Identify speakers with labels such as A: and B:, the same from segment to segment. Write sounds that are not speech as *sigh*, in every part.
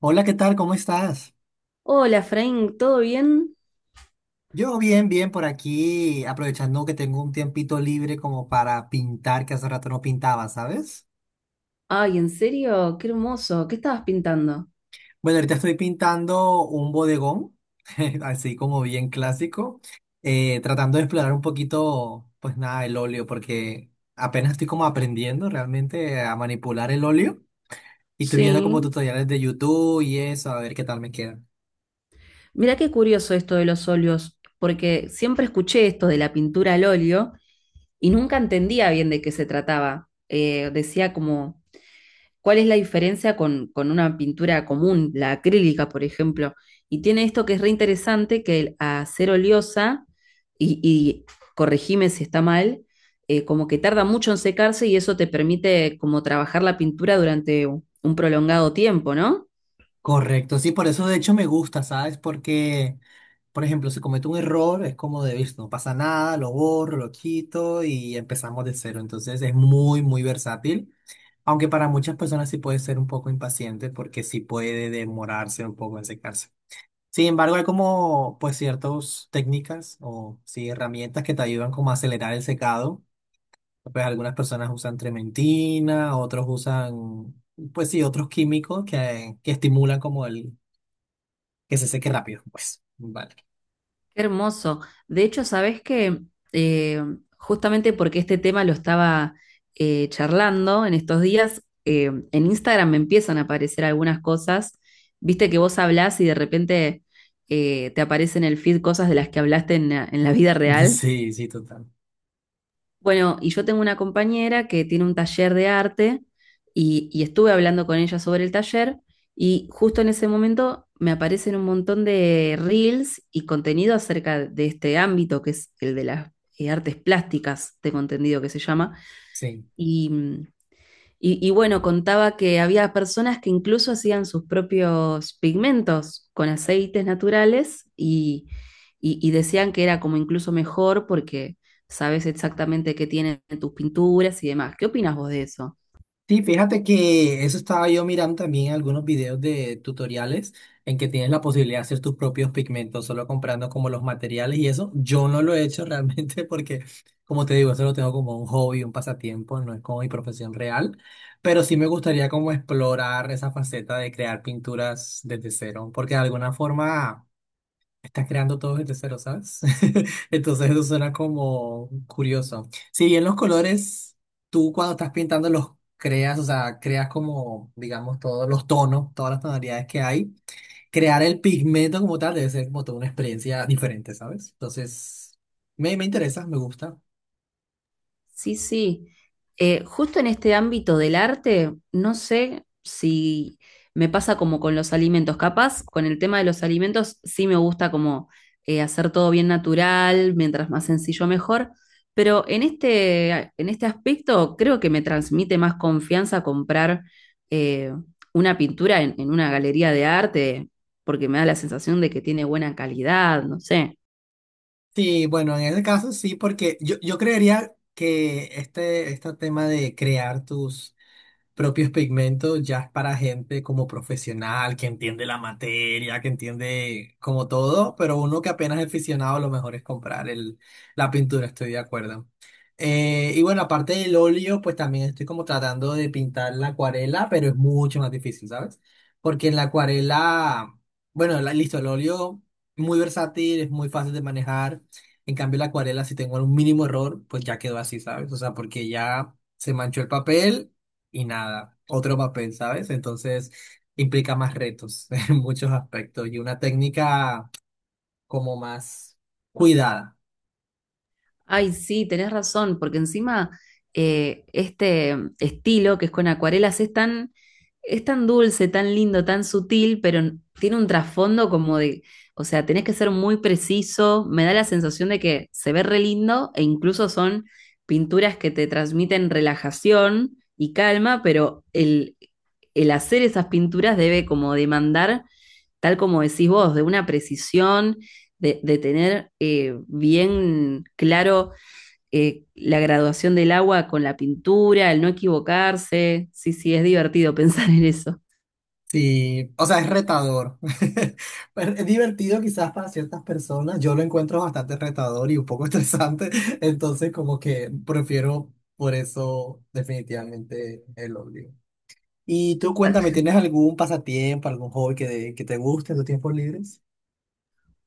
A: Hola, ¿qué tal? ¿Cómo estás?
B: Hola, Frank, ¿todo bien?
A: Yo bien, bien por aquí, aprovechando que tengo un tiempito libre como para pintar, que hace rato no pintaba, ¿sabes?
B: Ay, ¿en serio? Qué hermoso. ¿Qué estabas pintando?
A: Bueno, ahorita estoy pintando un bodegón, *laughs* así como bien clásico, tratando de explorar un poquito, pues nada, el óleo, porque apenas estoy como aprendiendo realmente a manipular el óleo y estoy viendo como
B: Sí.
A: tutoriales de YouTube y eso, a ver qué tal me queda.
B: Mirá qué curioso esto de los óleos, porque siempre escuché esto de la pintura al óleo y nunca entendía bien de qué se trataba. Decía como ¿cuál es la diferencia con una pintura común, la acrílica, por ejemplo? Y tiene esto que es re interesante, que a ser oleosa, y corregime si está mal, como que tarda mucho en secarse y eso te permite como trabajar la pintura durante un prolongado tiempo, ¿no?
A: Correcto, sí, por eso de hecho me gusta, ¿sabes? Porque, por ejemplo, si cometo un error, es como de, "Vis, no pasa nada, lo borro, lo quito y empezamos de cero". Entonces es muy, muy versátil, aunque para muchas personas sí puede ser un poco impaciente porque sí puede demorarse un poco en secarse. Sin embargo, hay como, pues, ciertas técnicas o sí, herramientas que te ayudan como a acelerar el secado. Pues algunas personas usan trementina, otros usan... Pues sí, otros químicos que estimulan como el, que se seque rápido, pues. Vale.
B: Qué hermoso. De hecho, sabes que justamente porque este tema lo estaba charlando en estos días, en Instagram me empiezan a aparecer algunas cosas. Viste que vos hablás y de repente te aparecen en el feed cosas de las que hablaste en la vida
A: *laughs*
B: real.
A: Sí, sí, total.
B: Bueno, y yo tengo una compañera que tiene un taller de arte y estuve hablando con ella sobre el taller y justo en ese momento me aparecen un montón de reels y contenido acerca de este ámbito que es el de las artes plásticas, tengo entendido que se llama,
A: Sí.
B: y y bueno, contaba que había personas que incluso hacían sus propios pigmentos con aceites naturales y decían que era como incluso mejor porque sabes exactamente qué tienen tus pinturas y demás. ¿Qué opinas vos de eso?
A: Sí, fíjate que eso estaba yo mirando también algunos videos de tutoriales en que tienes la posibilidad de hacer tus propios pigmentos, solo comprando como los materiales y eso. Yo no lo he hecho *laughs* realmente porque, como te digo, eso lo tengo como un hobby, un pasatiempo, no es como mi profesión real, pero sí me gustaría como explorar esa faceta de crear pinturas desde cero, porque de alguna forma... Estás creando todo desde cero, ¿sabes? *laughs* Entonces eso suena como curioso. Si bien los colores, tú cuando estás pintando los creas, o sea, creas como, digamos, todos los tonos, todas las tonalidades que hay, crear el pigmento como tal debe ser como toda una experiencia diferente, ¿sabes? Entonces, me interesa, me gusta.
B: Sí, sí. Justo en este ámbito del arte, no sé si me pasa como con los alimentos. Capaz, con el tema de los alimentos, sí me gusta como hacer todo bien natural, mientras más sencillo mejor. Pero en en este aspecto, creo que me transmite más confianza comprar eh, una pintura en una galería de arte, porque me da la sensación de que tiene buena calidad, no sé.
A: Sí, bueno, en ese caso sí, porque yo creería que este tema de crear tus propios pigmentos ya es para gente como profesional, que entiende la materia, que entiende como todo, pero uno que apenas es aficionado, lo mejor es comprar el, la pintura, estoy de acuerdo. Y bueno, aparte del óleo, pues también estoy como tratando de pintar la acuarela, pero es mucho más difícil, ¿sabes? Porque en la acuarela, bueno, listo, el óleo muy versátil, es muy fácil de manejar. En cambio, la acuarela, si tengo un mínimo error, pues ya quedó así, ¿sabes? O sea, porque ya se manchó el papel y nada, otro papel, ¿sabes? Entonces implica más retos *laughs* en muchos aspectos y una técnica como más cuidada.
B: Ay, sí, tenés razón, porque encima este estilo que es con acuarelas es es tan dulce, tan lindo, tan sutil, pero tiene un trasfondo como de, o sea, tenés que ser muy preciso, me da la sensación de que se ve re lindo e incluso son pinturas que te transmiten relajación y calma, pero el hacer esas pinturas debe como demandar, tal como decís vos, de una precisión de tener bien claro la graduación del agua con la pintura, el no equivocarse. Sí, sí, es divertido *laughs* pensar en eso.
A: Sí, o sea, es retador. *laughs* Pero es divertido quizás para ciertas personas. Yo lo encuentro bastante retador y un poco *laughs* estresante, entonces como que prefiero por eso definitivamente el odio. Y tú cuéntame, ¿tienes algún pasatiempo, algún hobby que te guste en tus tiempos libres?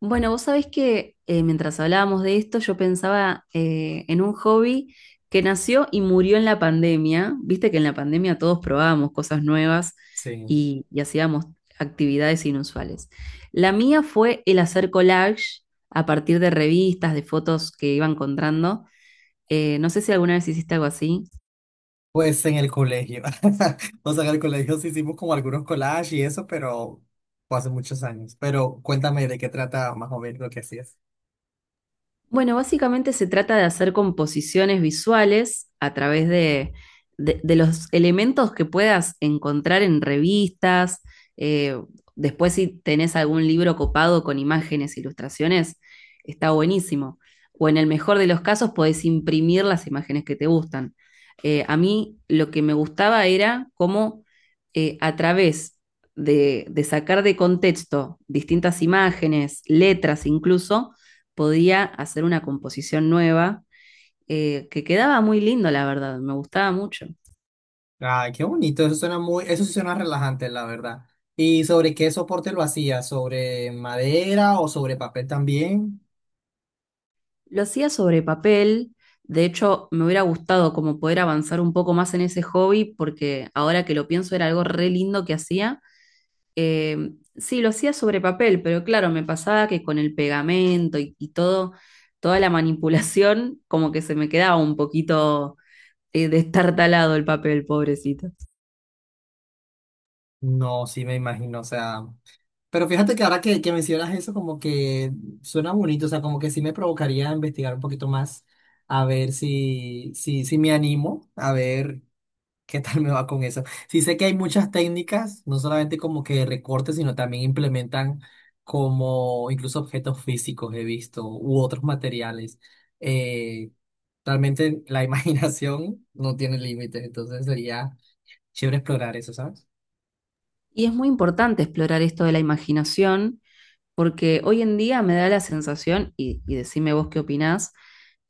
B: Bueno, vos sabés que mientras hablábamos de esto, yo pensaba en un hobby que nació y murió en la pandemia. Viste que en la pandemia todos probábamos cosas nuevas
A: Sí.
B: y hacíamos actividades inusuales. La mía fue el hacer collage a partir de revistas, de fotos que iba encontrando. No sé si alguna vez hiciste algo así.
A: Pues en el colegio. *laughs* O sea, en el colegio sí hicimos como algunos collages y eso, pero fue hace muchos años. Pero cuéntame de qué trata más o menos lo que hacías.
B: Bueno, básicamente se trata de hacer composiciones visuales a través de, de los elementos que puedas encontrar en revistas. Eh, después, si tenés algún libro copado con imágenes, ilustraciones, está buenísimo. O en el mejor de los casos, podés imprimir las imágenes que te gustan. A mí lo que me gustaba era cómo, a través de sacar de contexto distintas imágenes, letras incluso, podía hacer una composición nueva, que quedaba muy lindo, la verdad, me gustaba mucho.
A: Ay, qué bonito, eso suena muy, eso sí suena relajante, la verdad. ¿Y sobre qué soporte lo hacías? ¿Sobre madera o sobre papel también?
B: Lo hacía sobre papel, de hecho me hubiera gustado como poder avanzar un poco más en ese hobby porque ahora que lo pienso era algo re lindo que hacía. Sí, lo hacía sobre papel, pero claro, me pasaba que con el pegamento y todo, toda la manipulación como que se me quedaba un poquito destartalado el papel, pobrecito.
A: No, sí me imagino, o sea. Pero fíjate que ahora que mencionas eso, como que suena bonito, o sea, como que sí me provocaría investigar un poquito más, a ver si me animo, a ver. ¿Qué tal me va con eso? Sí sé que hay muchas técnicas, no solamente como que recortes, sino también implementan como incluso objetos físicos he visto u otros materiales. Eh, Realmente la *laughs* imaginación no tiene límites, entonces sería chévere explorar eso, ¿sabes?
B: Y es muy importante explorar esto de la imaginación, porque hoy en día me da la sensación, y decime vos qué opinás,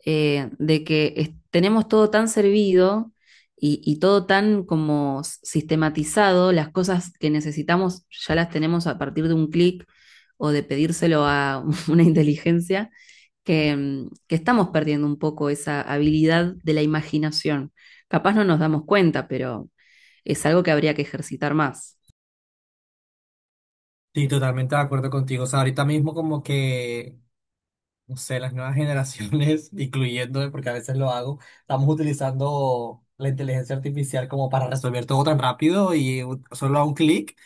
B: de que tenemos todo tan servido y todo tan como sistematizado, las cosas que necesitamos ya las tenemos a partir de un clic o de pedírselo a *laughs* una inteligencia, que estamos perdiendo un poco esa habilidad de la imaginación. Capaz no nos damos cuenta, pero es algo que habría que ejercitar más.
A: Sí, totalmente de acuerdo contigo. O sea, ahorita mismo como que no sé, las nuevas generaciones, *laughs* incluyéndome, porque a veces lo hago, estamos utilizando la inteligencia artificial como para resolver todo tan rápido y solo a un clic,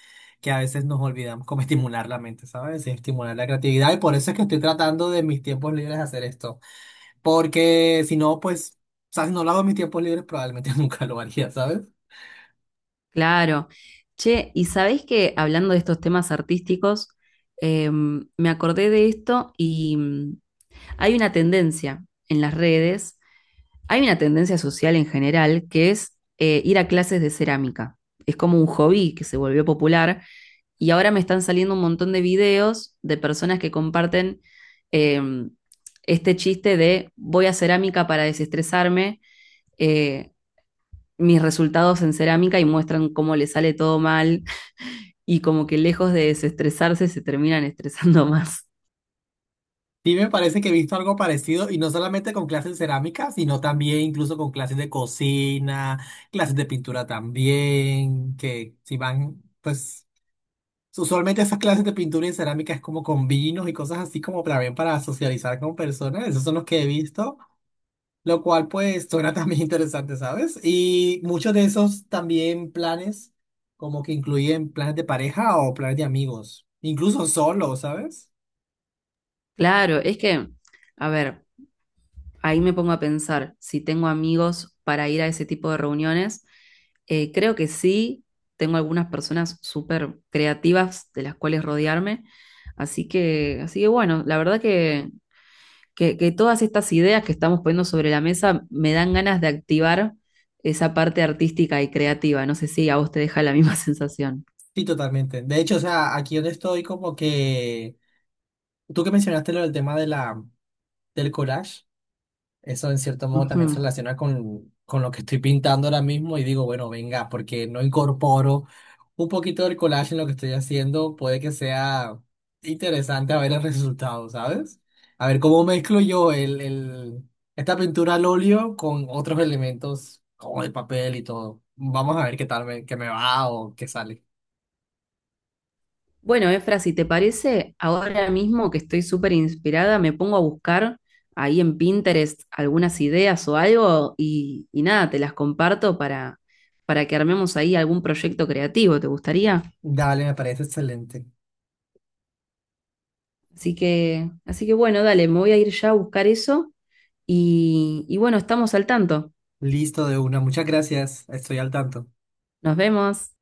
A: que a veces nos olvidamos como estimular la mente, ¿sabes? Y estimular la creatividad. Y por eso es que estoy tratando de mis tiempos libres hacer esto. Porque si no, pues, o sea, si no lo hago en mis tiempos libres, probablemente *laughs* nunca lo haría, ¿sabes?
B: Claro. Che, y sabéis que hablando de estos temas artísticos, me acordé de esto y hay una tendencia en las redes, hay una tendencia social en general que es ir a clases de cerámica. Es como un hobby que se volvió popular. Y ahora me están saliendo un montón de videos de personas que comparten eh, este chiste de voy a cerámica para desestresarme, eh, mis resultados en cerámica y muestran cómo les sale todo mal y como que lejos de desestresarse se terminan estresando *laughs* más.
A: Sí, me parece que he visto algo parecido y no solamente con clases de cerámica, sino también incluso con clases de cocina, clases de pintura también, que si van, pues usualmente esas clases de pintura y cerámica es como con vinos y cosas así como también para socializar con personas, esos son los que he visto, lo cual pues suena también *laughs* interesante, ¿sabes? Y muchos de esos también planes como que incluyen planes de pareja o planes de amigos, incluso solo, ¿sabes?
B: Claro, es que, a ver, ahí me pongo a pensar si tengo amigos para ir a ese tipo de reuniones. Creo que sí, tengo algunas personas súper creativas de las cuales rodearme. Así que bueno, la verdad que, que todas estas ideas que estamos poniendo sobre la mesa me dan ganas de activar esa parte artística y creativa. No sé si a vos te deja la misma *laughs* sensación.
A: Sí, totalmente. De hecho, o sea, aquí donde estoy, como que tú que mencionaste lo del tema de la, del collage, eso en cierto modo también se
B: Ujú.
A: relaciona con lo que estoy pintando ahora mismo y digo, bueno, venga, porque no incorporo un poquito del collage en lo que estoy haciendo, puede que sea interesante a ver el resultado, ¿sabes? A ver cómo mezclo yo el, esta pintura al óleo con otros elementos como el papel y todo. Vamos a ver qué tal me, qué me va o qué sale.
B: Bueno, Efra, si te parece, ahora mismo que estoy súper inspirada, me pongo a buscar ahí en Pinterest algunas ideas o algo y nada, te las comparto para que armemos ahí algún proyecto creativo, ¿te gustaría?
A: Dale, me parece excelente.
B: Así que bueno, dale, me voy a ir ya a buscar eso y bueno, estamos al tanto.
A: Listo de una. Muchas gracias. Estoy al tanto.
B: Nos vemos.